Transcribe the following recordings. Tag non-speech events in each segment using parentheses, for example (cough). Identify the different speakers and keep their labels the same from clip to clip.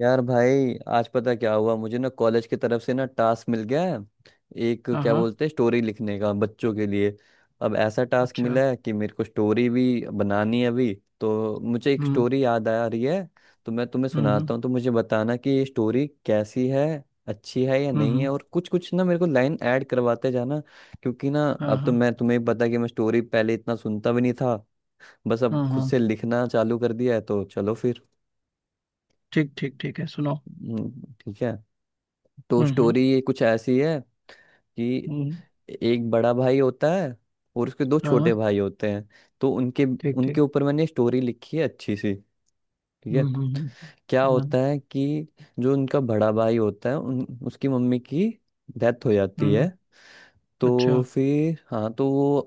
Speaker 1: यार भाई आज पता क्या हुआ मुझे ना कॉलेज की तरफ से ना टास्क मिल गया है। एक
Speaker 2: हाँ
Speaker 1: क्या
Speaker 2: हाँ।
Speaker 1: बोलते हैं, स्टोरी लिखने का बच्चों के लिए। अब ऐसा टास्क
Speaker 2: अच्छा।
Speaker 1: मिला है कि मेरे को स्टोरी भी बनानी है अभी। तो मुझे एक
Speaker 2: हम्म
Speaker 1: स्टोरी याद आ रही है। तो मैं तुम्हें
Speaker 2: हम्म।
Speaker 1: सुनाता हूँ, तो मुझे बताना कि ये स्टोरी कैसी है, अच्छी है या
Speaker 2: हम्म
Speaker 1: नहीं है,
Speaker 2: हम्म,
Speaker 1: और कुछ कुछ ना मेरे को लाइन ऐड करवाते जाना। क्योंकि ना
Speaker 2: हाँ
Speaker 1: अब तो
Speaker 2: हाँ
Speaker 1: मैं, तुम्हें पता है कि मैं स्टोरी पहले इतना सुनता भी नहीं था। बस अब
Speaker 2: हाँ
Speaker 1: खुद
Speaker 2: हाँ।
Speaker 1: से लिखना चालू कर दिया है, तो चलो फिर।
Speaker 2: ठीक ठीक, ठीक है, सुनाओ।
Speaker 1: हम्म, ठीक है। तो
Speaker 2: हम्म हम्म
Speaker 1: स्टोरी कुछ ऐसी है कि
Speaker 2: हम्म,
Speaker 1: एक बड़ा भाई होता है और उसके दो
Speaker 2: हाँ हाँ,
Speaker 1: छोटे भाई होते हैं। तो उनके
Speaker 2: ठीक
Speaker 1: उनके
Speaker 2: ठीक।
Speaker 1: ऊपर मैंने स्टोरी लिखी है अच्छी सी। ठीक है।
Speaker 2: हम्म हम्म
Speaker 1: क्या
Speaker 2: हाँ।
Speaker 1: होता है कि जो उनका बड़ा भाई होता है उन उसकी मम्मी की डेथ हो जाती
Speaker 2: हम्म।
Speaker 1: है।
Speaker 2: अच्छा।
Speaker 1: तो फिर हाँ तो वो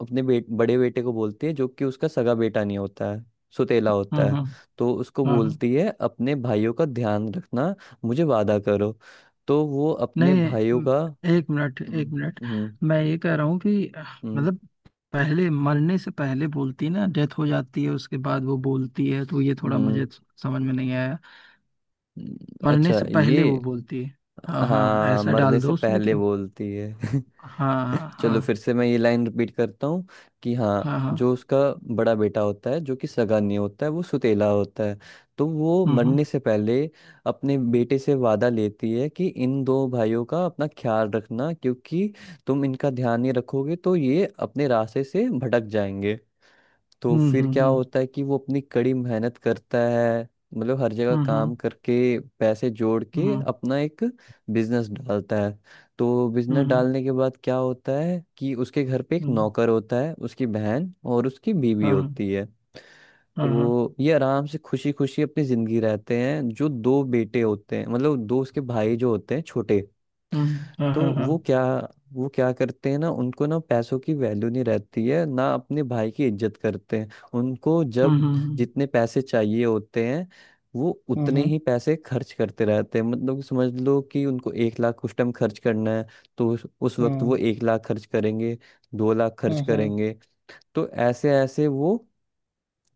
Speaker 1: अपने बड़े बेटे को बोलती है, जो कि उसका सगा बेटा नहीं होता है, सुतेला
Speaker 2: हाँ
Speaker 1: होता है।
Speaker 2: हाँ
Speaker 1: तो उसको
Speaker 2: हाँ हाँ।
Speaker 1: बोलती है अपने भाइयों का ध्यान रखना, मुझे वादा करो। तो वो अपने
Speaker 2: नहीं।
Speaker 1: भाइयों का।
Speaker 2: एक मिनट एक
Speaker 1: हम्म।
Speaker 2: मिनट।
Speaker 1: हम्म।
Speaker 2: मैं ये कह रहा हूँ कि
Speaker 1: हम्म।
Speaker 2: मतलब पहले, मरने से पहले बोलती ना, डेथ हो जाती है उसके बाद वो बोलती है, तो ये थोड़ा
Speaker 1: हम्म।
Speaker 2: मुझे समझ में नहीं आया।
Speaker 1: हम्म।
Speaker 2: मरने
Speaker 1: अच्छा
Speaker 2: से
Speaker 1: ये।
Speaker 2: पहले वो बोलती है। हाँ हाँ,
Speaker 1: हाँ,
Speaker 2: ऐसा
Speaker 1: मरने
Speaker 2: डाल
Speaker 1: से
Speaker 2: दो उसमें कि।
Speaker 1: पहले बोलती है।
Speaker 2: हाँ
Speaker 1: (laughs)
Speaker 2: हाँ हाँ
Speaker 1: चलो, फिर से मैं ये लाइन रिपीट करता हूँ कि हाँ,
Speaker 2: हाँ हाँ।
Speaker 1: जो उसका बड़ा बेटा होता है, जो कि सगा नहीं होता है, वो सुतेला होता है। तो वो
Speaker 2: हुँ, हुँ,
Speaker 1: मरने से पहले अपने बेटे से वादा लेती है कि इन दो भाइयों का अपना ख्याल रखना, क्योंकि तुम इनका ध्यान नहीं रखोगे तो ये अपने रास्ते से भटक जाएंगे। तो
Speaker 2: हुँ,
Speaker 1: फिर क्या
Speaker 2: हुँ,
Speaker 1: होता है कि वो अपनी कड़ी मेहनत करता है, मतलब हर जगह
Speaker 2: हुँ, हुँ,
Speaker 1: काम करके पैसे जोड़ के
Speaker 2: हुँ,
Speaker 1: अपना एक बिजनेस डालता है। तो बिजनेस
Speaker 2: हुँ,
Speaker 1: डालने के बाद क्या होता है कि उसके घर पे एक
Speaker 2: हुँ,
Speaker 1: नौकर होता है, उसकी बहन और उसकी बीवी
Speaker 2: हाँ,
Speaker 1: होती है।
Speaker 2: हाँ, हाँ,
Speaker 1: तो ये आराम से खुशी खुशी अपनी जिंदगी रहते हैं, जो दो बेटे होते हैं मतलब दो उसके भाई जो होते हैं छोटे।
Speaker 2: हुँ, हाँ,
Speaker 1: तो
Speaker 2: हाँ,
Speaker 1: वो
Speaker 2: हाँ,
Speaker 1: क्या वो क्या करते हैं ना, उनको ना पैसों की वैल्यू नहीं रहती है, ना अपने भाई की इज्जत करते हैं। उनको
Speaker 2: हुँ,
Speaker 1: जब
Speaker 2: हुँ,
Speaker 1: जितने पैसे चाहिए होते हैं वो
Speaker 2: हुँ,
Speaker 1: उतने
Speaker 2: हुँ,
Speaker 1: ही पैसे खर्च करते रहते हैं, मतलब समझ लो कि उनको 1 लाख कुछ टाइम खर्च करना है, तो उस वक्त
Speaker 2: हुँ,
Speaker 1: वो 1 लाख खर्च करेंगे, 2 लाख खर्च
Speaker 2: हुँ, हुँ,
Speaker 1: करेंगे। तो ऐसे ऐसे वो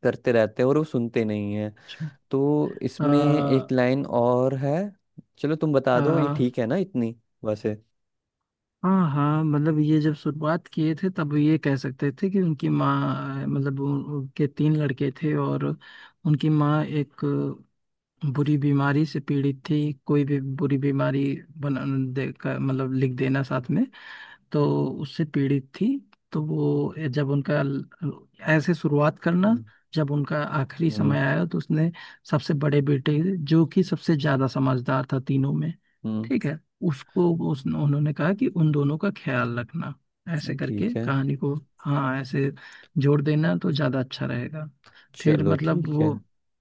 Speaker 1: करते रहते हैं और वो सुनते नहीं है।
Speaker 2: अच्छा।
Speaker 1: तो इसमें एक
Speaker 2: अ,
Speaker 1: लाइन और है। चलो तुम बता
Speaker 2: अ,
Speaker 1: दो, ये ठीक है ना इतनी वैसे।
Speaker 2: हाँ हाँ, मतलब ये जब शुरुआत किए थे तब ये कह सकते थे कि उनकी माँ, मतलब उनके तीन लड़के थे और उनकी माँ एक बुरी बीमारी से पीड़ित थी, कोई भी बुरी बीमारी बना दे मतलब लिख देना साथ में तो उससे पीड़ित थी। तो वो जब उनका, ऐसे शुरुआत करना, जब उनका आखिरी
Speaker 1: हम्म।
Speaker 2: समय आया तो उसने सबसे बड़े बेटे, जो कि सबसे ज्यादा समझदार था तीनों में,
Speaker 1: हम्म।
Speaker 2: ठीक है, उसको उन्होंने कहा कि उन दोनों का ख्याल रखना, ऐसे करके
Speaker 1: ठीक है।
Speaker 2: कहानी को, हाँ, ऐसे जोड़ देना तो ज्यादा अच्छा रहेगा। फिर
Speaker 1: चलो,
Speaker 2: मतलब
Speaker 1: ठीक है।
Speaker 2: वो,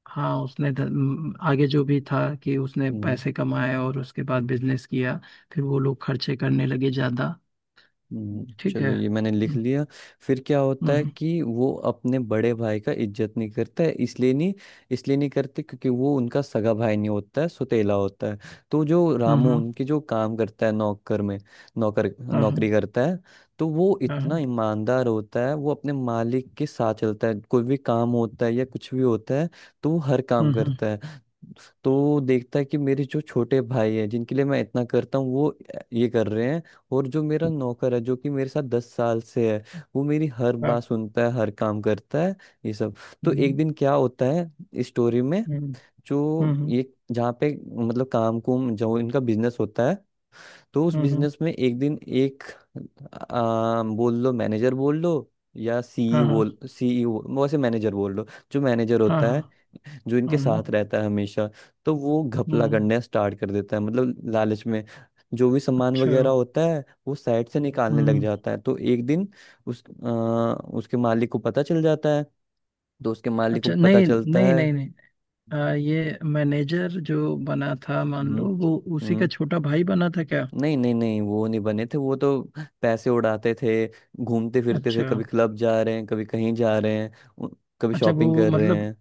Speaker 2: हाँ, उसने आगे जो भी था कि उसने
Speaker 1: हम्म।
Speaker 2: पैसे कमाए और उसके बाद बिजनेस किया, फिर वो लोग खर्चे करने लगे ज्यादा। ठीक
Speaker 1: चलो
Speaker 2: है।
Speaker 1: ये मैंने लिख लिया। फिर क्या होता है
Speaker 2: हम्म
Speaker 1: कि वो अपने बड़े भाई का इज्जत नहीं करता है। इसलिए नहीं करते, क्योंकि वो उनका सगा भाई नहीं होता है, सुतेला होता है। तो जो रामू
Speaker 2: हम्म।
Speaker 1: उनके जो काम करता है, नौकर में नौकर
Speaker 2: हाँ हाँ
Speaker 1: नौकरी करता है। तो वो
Speaker 2: हाँ हाँ।
Speaker 1: इतना ईमानदार होता है, वो अपने मालिक के साथ चलता है, कोई भी काम होता है या कुछ भी होता है तो वो हर काम
Speaker 2: हम्म।
Speaker 1: करता है। तो वो देखता है कि मेरे जो छोटे भाई हैं, जिनके लिए मैं इतना करता हूँ, वो ये कर रहे हैं। और जो मेरा नौकर है, जो कि मेरे साथ 10 साल से है, वो मेरी हर बात
Speaker 2: हाँ।
Speaker 1: सुनता है, हर काम करता है ये सब। तो एक
Speaker 2: हम्म
Speaker 1: दिन क्या होता है इस स्टोरी में,
Speaker 2: हम्म।
Speaker 1: जो
Speaker 2: हम्म
Speaker 1: ये जहाँ पे मतलब काम कुम जो इनका बिजनेस होता है, तो उस
Speaker 2: हम्म हम्म,
Speaker 1: बिजनेस में एक दिन एक बोल लो मैनेजर, बोल लो या सीई,
Speaker 2: हाँ हाँ
Speaker 1: बोल सीईओ, वैसे मैनेजर बोल लो। जो मैनेजर
Speaker 2: हाँ
Speaker 1: होता
Speaker 2: हाँ।
Speaker 1: है, जो इनके
Speaker 2: हम्म
Speaker 1: साथ रहता है हमेशा, तो वो घपला
Speaker 2: हम्म।
Speaker 1: करना स्टार्ट कर देता है, मतलब लालच में। जो भी सामान
Speaker 2: अच्छा।
Speaker 1: वगैरह होता है वो साइड से निकालने लग
Speaker 2: हम्म।
Speaker 1: जाता है। तो एक दिन उस अ, उसके मालिक को पता चल जाता है। तो उसके मालिक को
Speaker 2: अच्छा।
Speaker 1: पता
Speaker 2: नहीं
Speaker 1: चलता
Speaker 2: नहीं
Speaker 1: है।
Speaker 2: नहीं नहीं, ये मैनेजर जो बना था, मान लो
Speaker 1: हम्म।
Speaker 2: वो उसी का
Speaker 1: हम्म।
Speaker 2: छोटा भाई बना था क्या?
Speaker 1: नहीं नहीं नहीं, वो नहीं बने थे, वो तो पैसे उड़ाते थे, घूमते फिरते थे,
Speaker 2: अच्छा
Speaker 1: कभी क्लब जा रहे हैं, कभी कहीं जा रहे हैं, उ- कभी
Speaker 2: अच्छा,
Speaker 1: शॉपिंग
Speaker 2: वो
Speaker 1: कर रहे
Speaker 2: मतलब
Speaker 1: हैं।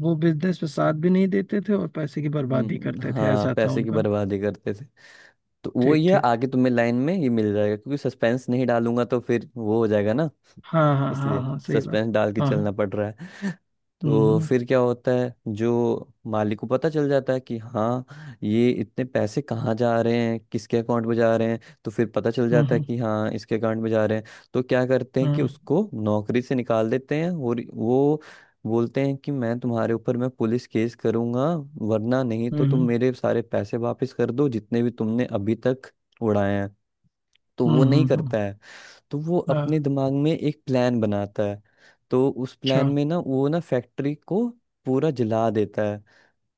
Speaker 2: वो बिजनेस में साथ भी नहीं देते थे और पैसे की बर्बादी करते थे,
Speaker 1: हाँ,
Speaker 2: ऐसा था
Speaker 1: पैसे की
Speaker 2: उनका।
Speaker 1: बर्बादी करते थे। तो वो
Speaker 2: ठीक
Speaker 1: ये
Speaker 2: ठीक।
Speaker 1: आगे तुम्हें लाइन में ये मिल जाएगा, क्योंकि सस्पेंस नहीं डालूंगा तो फिर वो हो जाएगा ना,
Speaker 2: हाँ हाँ हाँ
Speaker 1: इसलिए
Speaker 2: हाँ, सही बात।
Speaker 1: सस्पेंस डाल के
Speaker 2: हाँ
Speaker 1: चलना
Speaker 2: हाँ।
Speaker 1: पड़ रहा है। तो
Speaker 2: हम्म।
Speaker 1: फिर क्या होता है, जो मालिक को पता चल जाता है कि हाँ, ये इतने पैसे कहाँ जा रहे हैं, किसके अकाउंट में जा रहे हैं, तो फिर पता चल जाता है
Speaker 2: हम्म
Speaker 1: कि हाँ, इसके अकाउंट में जा रहे हैं। तो क्या करते हैं कि
Speaker 2: हम्म
Speaker 1: उसको नौकरी से निकाल देते हैं और वो बोलते हैं कि मैं तुम्हारे ऊपर मैं पुलिस केस करूंगा, वरना नहीं तो तुम
Speaker 2: हम्म।
Speaker 1: मेरे सारे पैसे वापस कर दो जितने भी तुमने अभी तक उड़ाए हैं। तो वो नहीं
Speaker 2: हम्म
Speaker 1: करता है। तो वो
Speaker 2: हाँ,
Speaker 1: अपने दिमाग में एक प्लान बनाता है। तो उस
Speaker 2: अच्छा।
Speaker 1: प्लान में ना वो ना फैक्ट्री को पूरा जला देता है।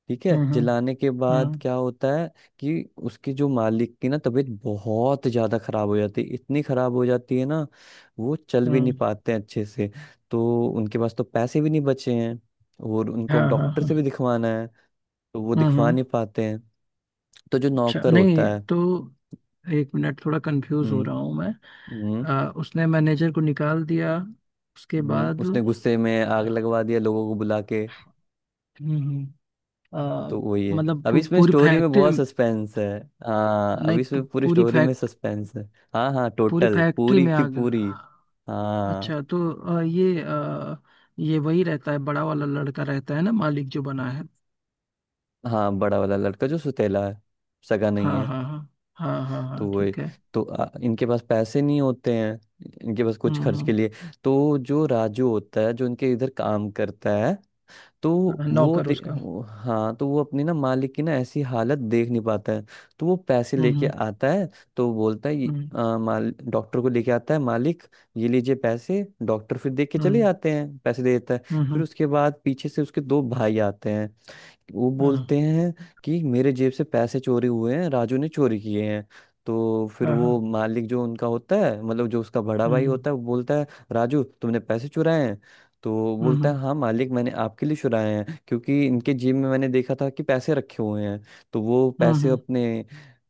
Speaker 1: ठीक है,
Speaker 2: हम्म हम्म
Speaker 1: जलाने के बाद
Speaker 2: हम्म
Speaker 1: क्या होता है कि उसके जो मालिक की ना तबीयत बहुत ज्यादा खराब हो जाती है, इतनी खराब हो जाती है ना वो चल भी नहीं
Speaker 2: हम्म,
Speaker 1: पाते हैं अच्छे से। तो उनके पास तो पैसे भी नहीं बचे हैं और उनको अब
Speaker 2: हाँ हाँ
Speaker 1: डॉक्टर
Speaker 2: हाँ।
Speaker 1: से भी दिखवाना है, तो वो
Speaker 2: हम्म
Speaker 1: दिखवा
Speaker 2: हम्म,
Speaker 1: नहीं पाते हैं। तो जो
Speaker 2: अच्छा
Speaker 1: नौकर
Speaker 2: नहीं
Speaker 1: होता है।
Speaker 2: तो, एक मिनट, थोड़ा कंफ्यूज हो
Speaker 1: हम्म।
Speaker 2: रहा हूँ मैं।
Speaker 1: हम्म।
Speaker 2: उसने मैनेजर को निकाल दिया उसके बाद।
Speaker 1: उसने गुस्से में आग लगवा दिया लोगों को बुला के।
Speaker 2: हम्म।
Speaker 1: तो
Speaker 2: अ,
Speaker 1: वही है।
Speaker 2: मतलब
Speaker 1: अभी इसमें
Speaker 2: पूरी
Speaker 1: स्टोरी में
Speaker 2: फैक्ट्री।
Speaker 1: बहुत सस्पेंस है। हाँ,
Speaker 2: नहीं
Speaker 1: अभी
Speaker 2: पू,
Speaker 1: इसमें पूरी
Speaker 2: पूरी
Speaker 1: स्टोरी में
Speaker 2: फैक्ट
Speaker 1: सस्पेंस है। हाँ हाँ,
Speaker 2: पूरी
Speaker 1: टोटल
Speaker 2: फैक्ट्री
Speaker 1: पूरी
Speaker 2: में
Speaker 1: की
Speaker 2: आ
Speaker 1: पूरी।
Speaker 2: गया।
Speaker 1: हाँ
Speaker 2: अच्छा, तो ये ये वही रहता है, बड़ा वाला लड़का रहता है ना, मालिक जो बना है?
Speaker 1: हाँ, बड़ा वाला लड़का जो सुतेला है, सगा
Speaker 2: हाँ
Speaker 1: नहीं है।
Speaker 2: हाँ हाँ। हाँ हाँ
Speaker 1: तो
Speaker 2: हाँ,
Speaker 1: वही।
Speaker 2: ठीक है।
Speaker 1: तो इनके पास पैसे नहीं होते हैं, इनके पास कुछ खर्च
Speaker 2: हम्म
Speaker 1: के लिए। तो जो राजू होता है, जो इनके इधर काम करता है, तो
Speaker 2: नौकर उसका।
Speaker 1: हाँ, तो वो अपनी ना मालिक की ना ऐसी हालत देख नहीं पाता है। तो वो पैसे लेके
Speaker 2: हम्म
Speaker 1: आता है। तो वो बोलता है, "ये,
Speaker 2: हम्म
Speaker 1: माल डॉक्टर को लेके आता है मालिक, ये लीजिए पैसे।" डॉक्टर फिर देख के चले
Speaker 2: हम्म
Speaker 1: आते हैं, पैसे दे देता है।
Speaker 2: हम्म।
Speaker 1: फिर उसके बाद पीछे से उसके दो भाई आते हैं, वो बोलते
Speaker 2: हाँ।
Speaker 1: हैं कि मेरे जेब से पैसे चोरी हुए हैं, राजू ने चोरी किए हैं। तो फिर
Speaker 2: हाँ हाँ,
Speaker 1: वो मालिक जो उनका होता है, मतलब जो उसका बड़ा भाई
Speaker 2: हम्म
Speaker 1: होता है, वो बोलता है, राजू तुमने पैसे चुराए हैं? तो वो बोलता
Speaker 2: हम्म
Speaker 1: है, हाँ मालिक, मैंने आपके लिए चुराए हैं, क्योंकि इनके जेब में मैंने देखा था कि पैसे रखे हुए हैं तो वो पैसे
Speaker 2: हम्म।
Speaker 1: अपने।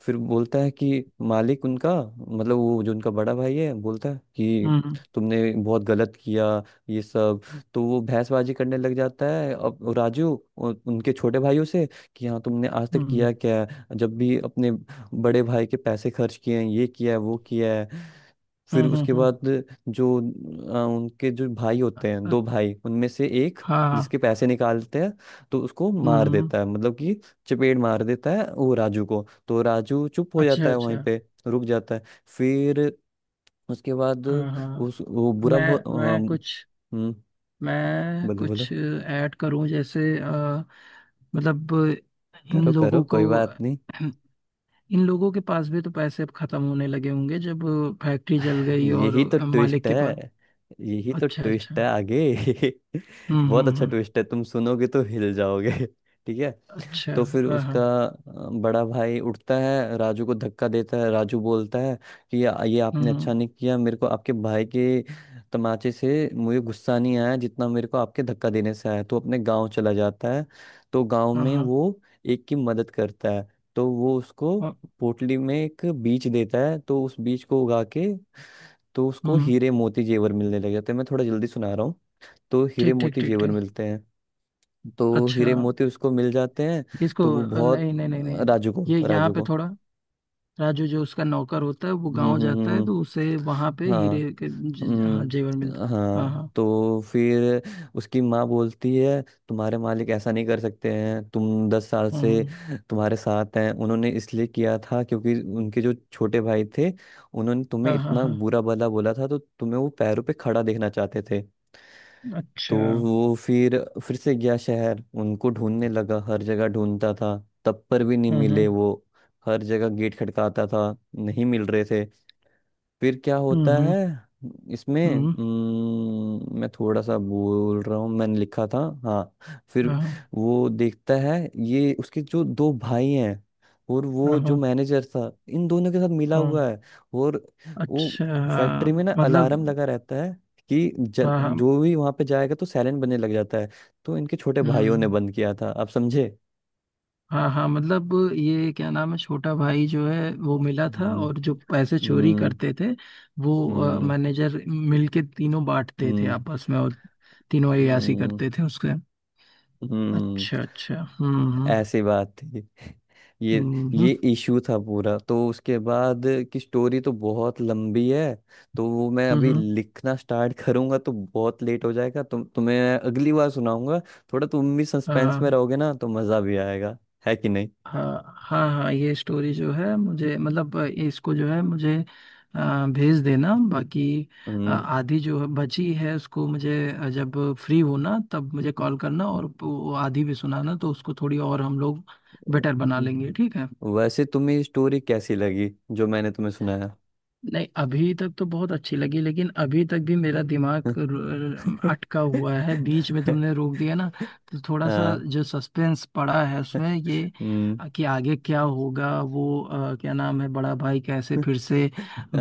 Speaker 1: फिर बोलता है कि मालिक उनका, मतलब वो जो उनका बड़ा भाई है, बोलता है कि तुमने बहुत गलत किया ये सब। तो वो भैंसबाजी करने लग जाता है अब राजू, उनके छोटे भाइयों से कि हाँ, तुमने आज तक
Speaker 2: हम्म
Speaker 1: किया क्या है, जब भी अपने बड़े भाई के पैसे खर्च किए हैं, ये किया है, वो किया है। फिर
Speaker 2: हम्म।
Speaker 1: उसके
Speaker 2: हम्म।
Speaker 1: बाद जो उनके जो भाई होते हैं,
Speaker 2: अ-
Speaker 1: दो भाई उनमें से एक,
Speaker 2: हाँ।
Speaker 1: जिसके पैसे निकालते हैं, तो उसको
Speaker 2: हम्म
Speaker 1: मार
Speaker 2: हम्म,
Speaker 1: देता है, मतलब कि चपेट मार देता है वो राजू को, तो राजू चुप हो
Speaker 2: अच्छा
Speaker 1: जाता है वहीं
Speaker 2: अच्छा।
Speaker 1: पे, रुक जाता है। फिर उसके बाद
Speaker 2: हाँ हाँ,
Speaker 1: उस वो बुरा
Speaker 2: मैं मैं कुछ
Speaker 1: हम्म।
Speaker 2: मैं
Speaker 1: बोलो बोलो,
Speaker 2: कुछ ऐड करूं जैसे, मतलब इन
Speaker 1: करो करो,
Speaker 2: लोगों को,
Speaker 1: कोई बात नहीं।
Speaker 2: इन लोगों के पास भी तो पैसे अब खत्म होने लगे होंगे जब फैक्ट्री जल गई और
Speaker 1: यही तो
Speaker 2: मालिक
Speaker 1: ट्विस्ट
Speaker 2: के पास।
Speaker 1: है, यही तो
Speaker 2: अच्छा अच्छा।
Speaker 1: ट्विस्ट है आगे। (laughs) बहुत अच्छा
Speaker 2: हम्म।
Speaker 1: ट्विस्ट है, तुम सुनोगे तो हिल जाओगे। (laughs) ठीक है।
Speaker 2: अच्छा।
Speaker 1: तो फिर
Speaker 2: हाँ हाँ।
Speaker 1: उसका बड़ा भाई उठता है, राजू को धक्का देता है, राजू बोलता है कि ये
Speaker 2: हम्म
Speaker 1: आपने अच्छा
Speaker 2: हम्म,
Speaker 1: नहीं किया, मेरे को आपके भाई के तमाचे से मुझे गुस्सा नहीं आया, जितना मेरे को आपके धक्का देने से आया, तो अपने गांव चला जाता है। तो गांव
Speaker 2: हाँ
Speaker 1: में
Speaker 2: हाँ
Speaker 1: वो एक की मदद करता है, तो वो उसको
Speaker 2: हाँ,
Speaker 1: पोटली में एक बीज देता है, तो उस बीज को उगा के, तो उसको
Speaker 2: हम्म।
Speaker 1: हीरे मोती जेवर मिलने लग जाते हैं। मैं थोड़ा जल्दी सुना रहा हूँ। तो हीरे
Speaker 2: ठीक ठीक
Speaker 1: मोती
Speaker 2: ठीक
Speaker 1: जेवर
Speaker 2: ठीक।
Speaker 1: मिलते हैं, तो
Speaker 2: अच्छा,
Speaker 1: हीरे मोती उसको मिल जाते हैं।
Speaker 2: इसको
Speaker 1: तो वो बहुत,
Speaker 2: नहीं नहीं नहीं नहीं,
Speaker 1: राजू को
Speaker 2: ये यहाँ
Speaker 1: राजू
Speaker 2: पे
Speaker 1: को।
Speaker 2: थोड़ा, राजू जो उसका नौकर होता है वो
Speaker 1: हम्म।
Speaker 2: गांव
Speaker 1: हम्म।
Speaker 2: जाता
Speaker 1: हम्म।
Speaker 2: है तो उसे वहां
Speaker 1: हम्म।
Speaker 2: पे हीरे
Speaker 1: हाँ।
Speaker 2: के हाँ, जेवर मिलता
Speaker 1: हम्म।
Speaker 2: है। हाँ
Speaker 1: हाँ,
Speaker 2: हाँ।
Speaker 1: तो फिर उसकी माँ बोलती है, तुम्हारे मालिक ऐसा नहीं कर सकते हैं, तुम 10 साल से
Speaker 2: हम्म।
Speaker 1: तुम्हारे साथ हैं, उन्होंने इसलिए किया था क्योंकि उनके जो छोटे भाई थे उन्होंने तुम्हें
Speaker 2: हाँ हाँ
Speaker 1: इतना
Speaker 2: हाँ।
Speaker 1: बुरा भला बोला था, तो तुम्हें वो पैरों पे खड़ा देखना चाहते थे। तो
Speaker 2: अच्छा।
Speaker 1: वो फिर से गया शहर, उनको ढूंढने लगा, हर जगह ढूंढता था, तब पर भी नहीं मिले
Speaker 2: हम्म
Speaker 1: वो। हर जगह गेट खटकाता था, नहीं मिल रहे थे। फिर क्या
Speaker 2: हम्म
Speaker 1: होता
Speaker 2: हम्म
Speaker 1: है इसमें,
Speaker 2: हम्म।
Speaker 1: मैं थोड़ा सा बोल रहा हूँ, मैंने लिखा था। हाँ, फिर
Speaker 2: हाँ हाँ
Speaker 1: वो देखता है, ये उसके जो दो भाई हैं और वो जो
Speaker 2: हाँ
Speaker 1: मैनेजर था, इन दोनों के साथ मिला
Speaker 2: हाँ,
Speaker 1: हुआ है। और वो
Speaker 2: अच्छा।
Speaker 1: फैक्ट्री में ना
Speaker 2: मतलब
Speaker 1: अलार्म लगा रहता है कि
Speaker 2: हाँ हाँ।
Speaker 1: जो भी वहां पे जाएगा तो साइलेंट बनने लग जाता है। तो इनके छोटे भाइयों ने
Speaker 2: हम्म।
Speaker 1: बंद किया था, आप समझे।
Speaker 2: हाँ हाँ, मतलब ये क्या नाम है छोटा भाई जो है वो मिला था
Speaker 1: हम्म।
Speaker 2: और जो पैसे चोरी
Speaker 1: हम्म।
Speaker 2: करते थे, वो
Speaker 1: हम्म।
Speaker 2: मैनेजर मिलके तीनों बांटते थे
Speaker 1: हम्म।
Speaker 2: आपस में और तीनों अय्याशी
Speaker 1: हम्म।
Speaker 2: करते थे उसके।
Speaker 1: हम्म,
Speaker 2: अच्छा अच्छा। हम्म।
Speaker 1: ऐसी बात थी। ये
Speaker 2: हम्म
Speaker 1: ये इशू था पूरा। तो उसके बाद की स्टोरी तो बहुत लंबी है। तो वो मैं
Speaker 2: हम्म
Speaker 1: अभी
Speaker 2: हम्म,
Speaker 1: लिखना स्टार्ट करूंगा तो बहुत लेट हो जाएगा, तुम्हें अगली बार सुनाऊंगा। थोड़ा तुम भी सस्पेंस में
Speaker 2: हाँ
Speaker 1: रहोगे ना तो मजा भी आएगा, है कि नहीं?
Speaker 2: हाँ हाँ हाँ, ये स्टोरी जो है मुझे, मतलब इसको जो है मुझे भेज देना। बाकी
Speaker 1: हम्म।
Speaker 2: आधी जो है बची है उसको मुझे जब फ्री होना तब मुझे कॉल करना और वो आधी भी सुनाना, तो उसको थोड़ी और हम लोग बेटर बना लेंगे, ठीक है।
Speaker 1: हम्म। वैसे तुम्हें स्टोरी कैसी लगी, जो मैंने तुम्हें सुनाया?
Speaker 2: नहीं अभी तक तो बहुत अच्छी लगी, लेकिन अभी तक भी मेरा दिमाग अटका हुआ है,
Speaker 1: (laughs)
Speaker 2: बीच में तुमने रोक दिया ना, तो थोड़ा सा
Speaker 1: हाँ।
Speaker 2: जो सस्पेंस पड़ा है उसमें ये
Speaker 1: हम्म,
Speaker 2: कि आगे क्या होगा, वो क्या नाम है, बड़ा भाई कैसे फिर से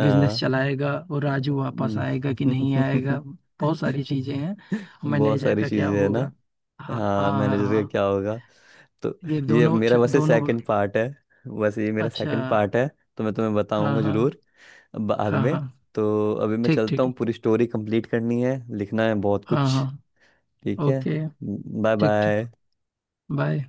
Speaker 2: बिजनेस चलाएगा और राजू वापस आएगा कि नहीं आएगा,
Speaker 1: हम्म।
Speaker 2: बहुत सारी चीजें हैं,
Speaker 1: (laughs) बहुत
Speaker 2: मैनेजर
Speaker 1: सारी
Speaker 2: का क्या
Speaker 1: चीजें है ना।
Speaker 2: होगा? हाँ हाँ
Speaker 1: हाँ,
Speaker 2: हाँ
Speaker 1: मैनेजर का
Speaker 2: हाँ,
Speaker 1: क्या होगा। तो
Speaker 2: ये
Speaker 1: ये
Speaker 2: दोनों,
Speaker 1: मेरा वैसे
Speaker 2: दोनों।
Speaker 1: सेकंड पार्ट है, वैसे ये मेरा
Speaker 2: अच्छा।
Speaker 1: सेकंड पार्ट है। तो मैं तुम्हें
Speaker 2: हाँ
Speaker 1: बताऊंगा
Speaker 2: हाँ
Speaker 1: जरूर बाद
Speaker 2: हाँ
Speaker 1: में।
Speaker 2: हाँ।
Speaker 1: तो अभी मैं
Speaker 2: ठीक
Speaker 1: चलता हूँ,
Speaker 2: ठीक।
Speaker 1: पूरी स्टोरी कंप्लीट करनी है, लिखना है बहुत
Speaker 2: हाँ
Speaker 1: कुछ।
Speaker 2: हाँ।
Speaker 1: ठीक है।
Speaker 2: ओके।
Speaker 1: बाय
Speaker 2: ठीक ठीक।
Speaker 1: बाय।
Speaker 2: बाय।